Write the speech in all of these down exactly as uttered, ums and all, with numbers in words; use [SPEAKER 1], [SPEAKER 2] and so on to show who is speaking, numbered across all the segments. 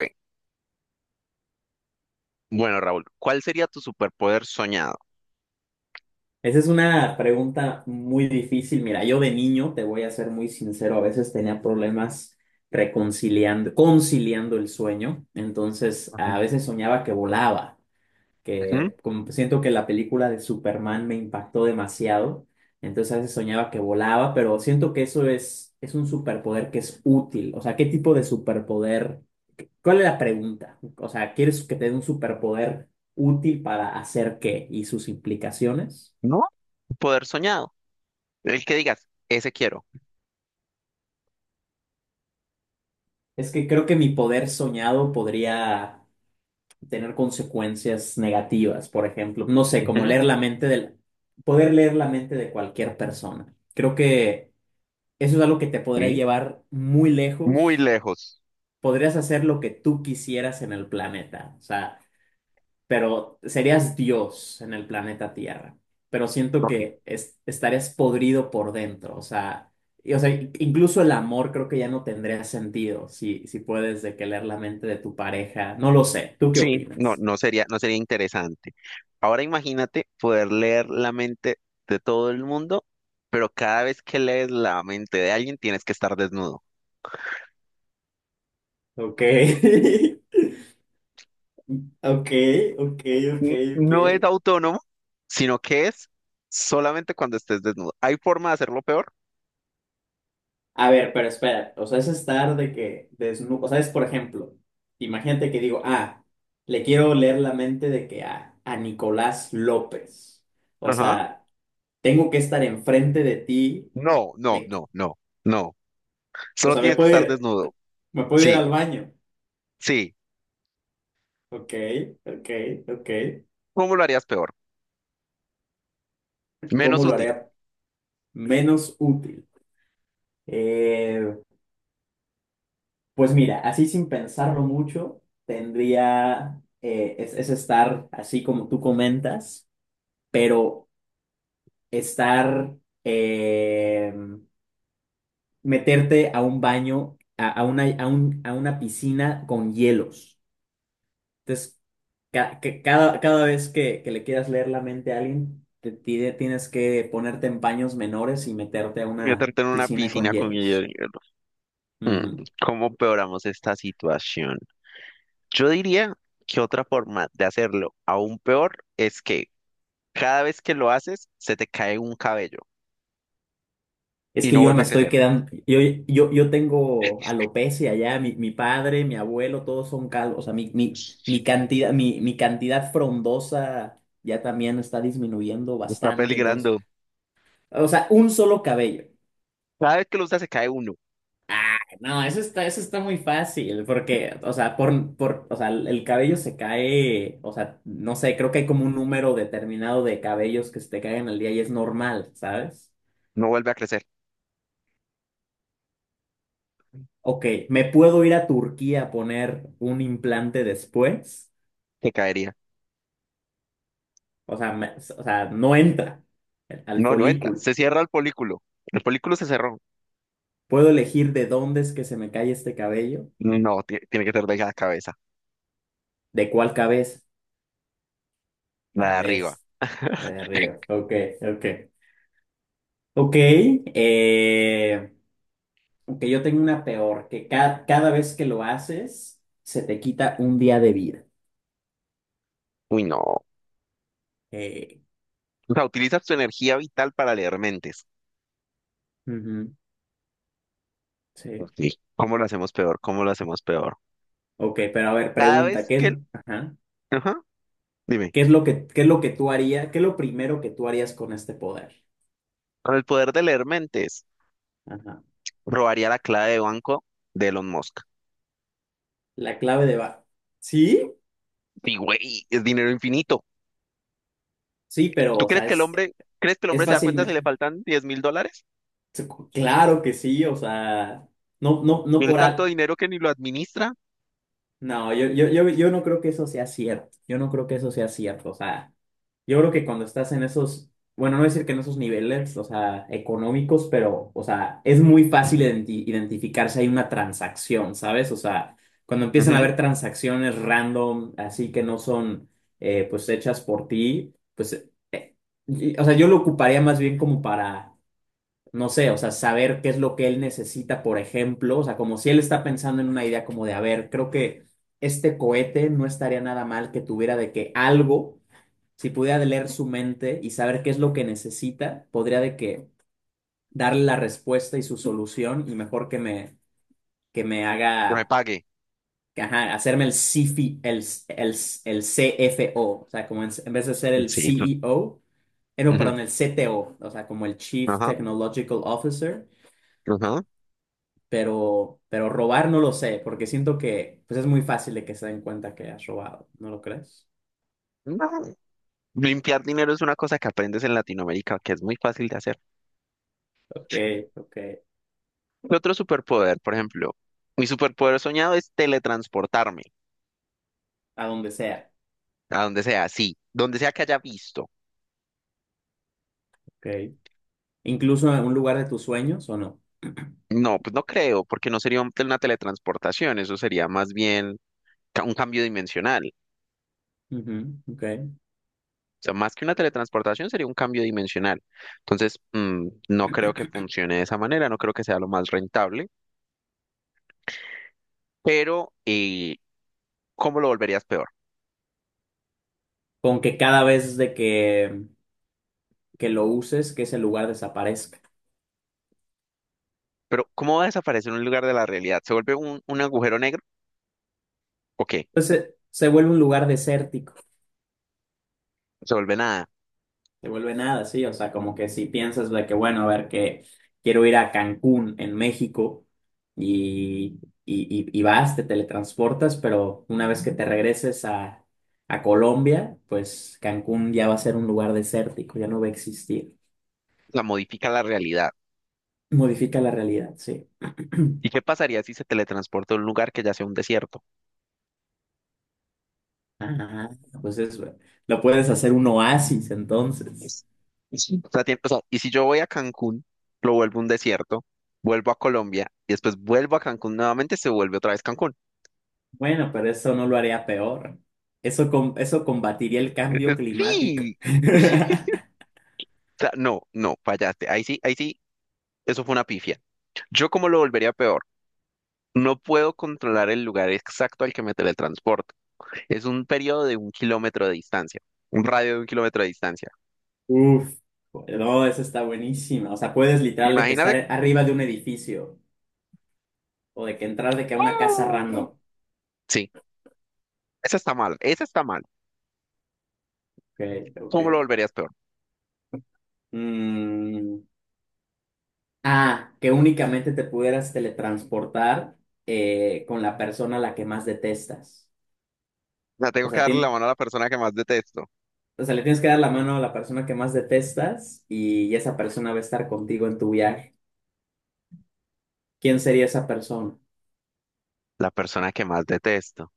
[SPEAKER 1] Ok. Bueno, Raúl, ¿cuál sería tu superpoder soñado?
[SPEAKER 2] Esa es una pregunta muy difícil. Mira, yo de niño, te voy a ser muy sincero, a veces tenía problemas reconciliando, conciliando el sueño. Entonces,
[SPEAKER 1] Ujú.
[SPEAKER 2] a veces soñaba que volaba,
[SPEAKER 1] Ujú.
[SPEAKER 2] que como siento que la película de Superman me impactó demasiado. Entonces, a veces soñaba que volaba, pero siento que eso es, es un superpoder que es útil. O sea, ¿qué tipo de superpoder? ¿Cuál es la pregunta? O sea, ¿quieres que te dé un superpoder útil para hacer qué y sus implicaciones?
[SPEAKER 1] ¿No? Poder soñado. El que digas, ese quiero.
[SPEAKER 2] Es que creo que mi poder soñado podría tener consecuencias negativas, por ejemplo, no sé, como
[SPEAKER 1] Ujú.
[SPEAKER 2] leer la mente del, poder leer la mente de cualquier persona. Creo que eso es algo que te podría
[SPEAKER 1] Sí.
[SPEAKER 2] llevar muy
[SPEAKER 1] Muy
[SPEAKER 2] lejos.
[SPEAKER 1] lejos.
[SPEAKER 2] Podrías hacer lo que tú quisieras en el planeta. O sea, pero serías Dios en el planeta Tierra. Pero siento
[SPEAKER 1] Ok.
[SPEAKER 2] que es- estarías podrido por dentro, o sea, y- o sea, incluso el amor creo que ya no tendría sentido si, si puedes de que leer la mente de tu pareja. No lo sé, ¿tú qué
[SPEAKER 1] Sí, no,
[SPEAKER 2] opinas?
[SPEAKER 1] no sería, no sería interesante. Ahora imagínate poder leer la mente de todo el mundo, pero cada vez que lees la mente de alguien tienes que estar desnudo.
[SPEAKER 2] Ok, ok, ok, ok,
[SPEAKER 1] N-
[SPEAKER 2] ok.
[SPEAKER 1] No es autónomo, sino que es solamente cuando estés desnudo. ¿Hay forma de hacerlo peor?
[SPEAKER 2] A ver, pero espera, o sea, es estar de que desnudo, o sea, es por ejemplo, imagínate que digo, ah, le quiero leer la mente de que a, a Nicolás López. O
[SPEAKER 1] Ajá.
[SPEAKER 2] sea, tengo que estar enfrente de ti,
[SPEAKER 1] No, no,
[SPEAKER 2] de que-
[SPEAKER 1] no, no, no.
[SPEAKER 2] o
[SPEAKER 1] Solo
[SPEAKER 2] sea, me
[SPEAKER 1] tienes que
[SPEAKER 2] puedo
[SPEAKER 1] estar
[SPEAKER 2] ir,
[SPEAKER 1] desnudo.
[SPEAKER 2] me puedo ir al
[SPEAKER 1] Sí,
[SPEAKER 2] baño.
[SPEAKER 1] sí.
[SPEAKER 2] Ok, ok, ok.
[SPEAKER 1] ¿Cómo lo harías peor? Menos
[SPEAKER 2] ¿Cómo lo
[SPEAKER 1] útil.
[SPEAKER 2] haré menos útil? Eh, pues mira, así sin pensarlo mucho, tendría, eh, es, es estar así como tú comentas, pero estar, eh, meterte a un baño, a, a una, a un- a una piscina con hielos. Entonces, ca- ca- cada, cada vez que, que le quieras leer la mente a alguien, te, tide- tienes que ponerte en paños menores y meterte a
[SPEAKER 1] Yo
[SPEAKER 2] una
[SPEAKER 1] te en una
[SPEAKER 2] piscina con
[SPEAKER 1] piscina con
[SPEAKER 2] hielos.
[SPEAKER 1] hielo. Mm,
[SPEAKER 2] Ujú.
[SPEAKER 1] ¿Cómo peoramos esta situación? Yo diría que otra forma de hacerlo aún peor es que cada vez que lo haces, se te cae un cabello
[SPEAKER 2] Es
[SPEAKER 1] y
[SPEAKER 2] que
[SPEAKER 1] no
[SPEAKER 2] yo
[SPEAKER 1] vuelve
[SPEAKER 2] me
[SPEAKER 1] a
[SPEAKER 2] estoy
[SPEAKER 1] crecer.
[SPEAKER 2] quedando, yo, yo, yo tengo alopecia ya, mi, mi padre, mi abuelo, todos son calvos, o sea, mi, mi, mi cantidad, mi, mi cantidad frondosa ya también está disminuyendo
[SPEAKER 1] Está
[SPEAKER 2] bastante, entonces,
[SPEAKER 1] peligrando.
[SPEAKER 2] o sea, un solo cabello.
[SPEAKER 1] Cada vez que lo usas, se cae uno.
[SPEAKER 2] No, eso está, eso está muy fácil, porque, o sea, por, por, o sea, el cabello se cae, o sea, no sé, creo que hay como un número determinado de cabellos que se te caen al día y es normal, ¿sabes?
[SPEAKER 1] No vuelve a crecer.
[SPEAKER 2] Ok, ¿me puedo ir a Turquía a poner un implante después?
[SPEAKER 1] Se caería.
[SPEAKER 2] O sea, me- o sea, no entra al
[SPEAKER 1] No, no entra.
[SPEAKER 2] folículo.
[SPEAKER 1] Se cierra el polículo. El polículo se cerró.
[SPEAKER 2] ¿Puedo elegir de dónde es que se me cae este cabello?
[SPEAKER 1] No, ti- tiene que ser de la cabeza,
[SPEAKER 2] ¿De cuál cabeza?
[SPEAKER 1] la de
[SPEAKER 2] A ver,
[SPEAKER 1] arriba.
[SPEAKER 2] la de arriba. Ok, ok. Ok, eh... Aunque yo tengo una peor, que ca- cada vez que lo haces, se te quita un día de vida.
[SPEAKER 1] Uy, no.
[SPEAKER 2] Eh,
[SPEAKER 1] O sea, utilizas tu energía vital para leer mentes.
[SPEAKER 2] ujú, sí.
[SPEAKER 1] Sí. ¿Cómo lo hacemos peor? ¿Cómo lo hacemos peor?
[SPEAKER 2] Ok, pero a ver,
[SPEAKER 1] Cada
[SPEAKER 2] pregunta,
[SPEAKER 1] vez
[SPEAKER 2] ¿qué,
[SPEAKER 1] que...
[SPEAKER 2] es-
[SPEAKER 1] el-
[SPEAKER 2] ajá,
[SPEAKER 1] Ajá, dime.
[SPEAKER 2] ¿qué es lo que, qué es lo que tú harías? ¿Qué es lo primero que tú harías con este poder?
[SPEAKER 1] Con el poder de leer mentes,
[SPEAKER 2] Ajá.
[SPEAKER 1] robaría la clave de banco de Elon Musk.
[SPEAKER 2] La clave de va. ¿Sí?
[SPEAKER 1] Sí, güey, es dinero infinito.
[SPEAKER 2] Sí, pero,
[SPEAKER 1] ¿Tú
[SPEAKER 2] o
[SPEAKER 1] crees
[SPEAKER 2] sea,
[SPEAKER 1] que el
[SPEAKER 2] es,
[SPEAKER 1] hombre, crees que el
[SPEAKER 2] es
[SPEAKER 1] hombre se da
[SPEAKER 2] fácil.
[SPEAKER 1] cuenta si
[SPEAKER 2] me-
[SPEAKER 1] le faltan diez mil dólares?
[SPEAKER 2] Claro que sí, o sea, no, no, no
[SPEAKER 1] Tiene
[SPEAKER 2] por
[SPEAKER 1] tanto
[SPEAKER 2] algo.
[SPEAKER 1] dinero que ni lo administra.
[SPEAKER 2] No, yo, yo, yo, yo no creo que eso sea cierto. Yo no creo que eso sea cierto. O sea, yo creo que cuando estás en esos, bueno, no decir que en esos niveles, o sea, económicos, pero, o sea, es muy fácil identi- identificar si hay una transacción, ¿sabes? O sea, cuando empiezan a
[SPEAKER 1] Ujú.
[SPEAKER 2] haber transacciones random, así que no son, eh, pues, hechas por ti, pues, eh, y- o sea, yo lo ocuparía más bien como para no sé, o sea, saber qué es lo que él necesita, por ejemplo, o sea, como si él está pensando en una idea como de, a ver, creo que este cohete no estaría nada mal que tuviera de que algo, si pudiera leer su mente y saber qué es lo que necesita, podría de que darle la respuesta y su solución y mejor que me, que me
[SPEAKER 1] Que me
[SPEAKER 2] haga,
[SPEAKER 1] pague.
[SPEAKER 2] que, ajá, hacerme el C F I, el, el, el C F O, o o sea, como en, en vez de ser el
[SPEAKER 1] Sí.
[SPEAKER 2] C E O. eh, No,
[SPEAKER 1] Ujú.
[SPEAKER 2] perdón, el C T O, o o sea, como el Chief
[SPEAKER 1] Ajá,
[SPEAKER 2] Technological Officer,
[SPEAKER 1] ajá.
[SPEAKER 2] pero, pero robar no lo sé, porque siento que pues es muy fácil de que se den cuenta que has robado, ¿no lo crees?
[SPEAKER 1] No. Limpiar dinero es una cosa que aprendes en Latinoamérica, que es muy fácil de hacer.
[SPEAKER 2] Ok, ok,
[SPEAKER 1] ¿Qué otro superpoder? Por ejemplo, mi superpoder soñado es teletransportarme
[SPEAKER 2] a donde sea,
[SPEAKER 1] a donde sea, sí, donde sea que haya visto.
[SPEAKER 2] ok. Incluso en un lugar de tus sueños o no.
[SPEAKER 1] No, pues no creo, porque no sería un- una teletransportación, eso sería más bien ca- un cambio dimensional.
[SPEAKER 2] Ujú, ok.
[SPEAKER 1] O sea, más que una teletransportación sería un cambio dimensional. Entonces, mm, no creo que funcione de esa manera, no creo que sea lo más rentable, pero eh, ¿cómo lo volverías peor?
[SPEAKER 2] Con que cada vez de que, que lo uses, que ese lugar desaparezca.
[SPEAKER 1] Pero ¿cómo va a desaparecer un lugar de la realidad? ¿Se vuelve un, un agujero negro? ¿O qué?
[SPEAKER 2] Entonces se, se vuelve un lugar desértico.
[SPEAKER 1] ¿Se vuelve nada?
[SPEAKER 2] Te vuelve nada, sí. O sea, como que si piensas de que, bueno, a ver, que quiero ir a Cancún, en México, y, y, y- y vas, te teletransportas, pero una vez que te regreses a, a Colombia, pues Cancún ya va a ser un lugar desértico, ya no va a existir.
[SPEAKER 1] La modifica la realidad.
[SPEAKER 2] Modifica la realidad, sí.
[SPEAKER 1] ¿Y qué pasaría si se teletransporta a un lugar que ya sea un desierto?
[SPEAKER 2] Ah, pues eso. Lo puedes hacer un oasis entonces.
[SPEAKER 1] Es- es- O sea, tiene- o sea, y si yo voy a Cancún, lo vuelvo un desierto, vuelvo a Colombia y después vuelvo a Cancún nuevamente, se vuelve otra vez Cancún.
[SPEAKER 2] Bueno, pero eso no lo haría peor. Eso, com- eso combatiría el
[SPEAKER 1] Eh,
[SPEAKER 2] cambio
[SPEAKER 1] eh,
[SPEAKER 2] climático.
[SPEAKER 1] Sí. O sea, no, no, fallaste. Ahí sí, ahí sí, eso fue una pifia. Yo como lo volvería peor. No puedo controlar el lugar exacto al que me teletransporto. Es un periodo de un kilómetro de distancia, un radio de un kilómetro de distancia.
[SPEAKER 2] Uf, no, esa está buenísima. O sea, puedes literal de que estar
[SPEAKER 1] Imagínate.
[SPEAKER 2] arriba de un edificio o de que entrar de que a una casa random.
[SPEAKER 1] ¡Oh! Sí, esa está mal, esa está mal.
[SPEAKER 2] Ok, ok.
[SPEAKER 1] ¿Cómo lo volverías peor?
[SPEAKER 2] Mm, ah, que únicamente te pudieras teletransportar eh, con la persona a la que más detestas.
[SPEAKER 1] O sea,
[SPEAKER 2] O
[SPEAKER 1] tengo que
[SPEAKER 2] sea,
[SPEAKER 1] darle la
[SPEAKER 2] tien-
[SPEAKER 1] mano a la persona que más detesto.
[SPEAKER 2] o sea, le tienes que dar la mano a la persona que más detestas y esa persona va a estar contigo en tu viaje. ¿Quién sería esa persona?
[SPEAKER 1] La persona que más detesto.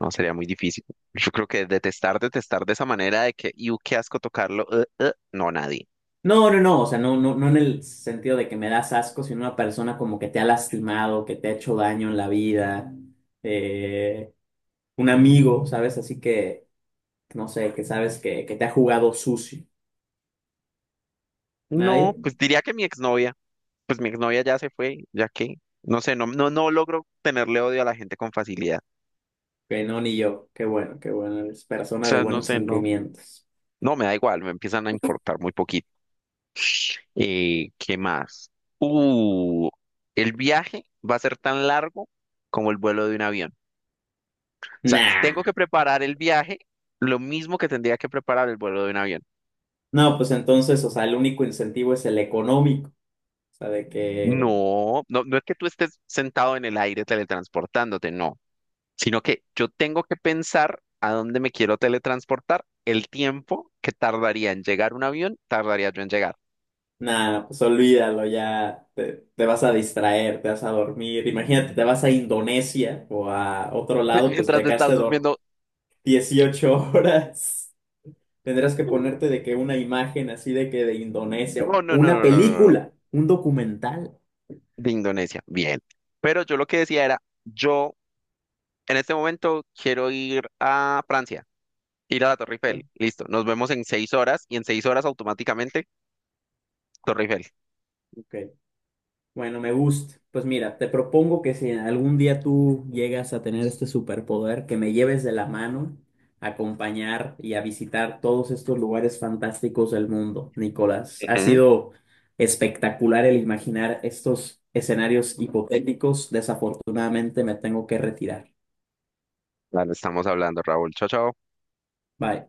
[SPEAKER 1] No, sería muy difícil. Yo creo que detestar, detestar de esa manera de que, y qué asco tocarlo. eh, eh", no, nadie.
[SPEAKER 2] No, no, no, o sea, no, no, no en el sentido de que me das asco, sino una persona como que te ha lastimado, que te ha hecho daño en la vida, eh, un amigo, ¿sabes? Así que, no sé, que sabes que, que te ha jugado sucio.
[SPEAKER 1] No,
[SPEAKER 2] ¿Nadie?
[SPEAKER 1] pues diría que mi exnovia. Pues mi exnovia ya se fue, ya que, no sé, no, no, no logro tenerle odio a la gente con facilidad.
[SPEAKER 2] Que no, ni yo. Qué bueno, qué bueno, eres
[SPEAKER 1] O
[SPEAKER 2] persona de
[SPEAKER 1] sea, no
[SPEAKER 2] buenos
[SPEAKER 1] sé, no.
[SPEAKER 2] sentimientos.
[SPEAKER 1] No, me da igual, me empiezan a importar muy poquito. Eh, ¿qué más? Uh, el viaje va a ser tan largo como el vuelo de un avión. Sea, tengo que
[SPEAKER 2] Nah.
[SPEAKER 1] preparar el viaje lo mismo que tendría que preparar el vuelo de un avión.
[SPEAKER 2] No, pues entonces, o sea, el único incentivo es el económico, o sea, de que
[SPEAKER 1] No, no, no es que tú estés sentado en el aire teletransportándote, no, sino que yo tengo que pensar a dónde me quiero teletransportar, el tiempo que tardaría en llegar un avión, tardaría yo en llegar.
[SPEAKER 2] nada, pues olvídalo, ya te, te vas a distraer, te vas a dormir. Imagínate, te vas a Indonesia o a otro lado, pues
[SPEAKER 1] Mientras
[SPEAKER 2] te
[SPEAKER 1] te
[SPEAKER 2] quedaste
[SPEAKER 1] estás
[SPEAKER 2] dor-
[SPEAKER 1] durmiendo,
[SPEAKER 2] dieciocho horas. Tendrás que ponerte de que una imagen así de que de Indonesia,
[SPEAKER 1] no,
[SPEAKER 2] o
[SPEAKER 1] no, no,
[SPEAKER 2] una
[SPEAKER 1] no, no, no, no,
[SPEAKER 2] película, un documental.
[SPEAKER 1] de Indonesia, bien. Pero yo lo que decía era, yo en este momento quiero ir a Francia. Ir a la Torre Eiffel, listo. Nos vemos en seis horas y en seis horas automáticamente Torre Eiffel.
[SPEAKER 2] Ok. Bueno, me gusta. Pues mira, te propongo que si algún día tú llegas a tener este superpoder, que me lleves de la mano a acompañar y a visitar todos estos lugares fantásticos del mundo, Nicolás. Ha
[SPEAKER 1] Ujú.
[SPEAKER 2] sido espectacular el imaginar estos escenarios hipotéticos. Desafortunadamente me tengo que retirar.
[SPEAKER 1] Claro, estamos hablando, Raúl. Chao, chao.
[SPEAKER 2] Bye.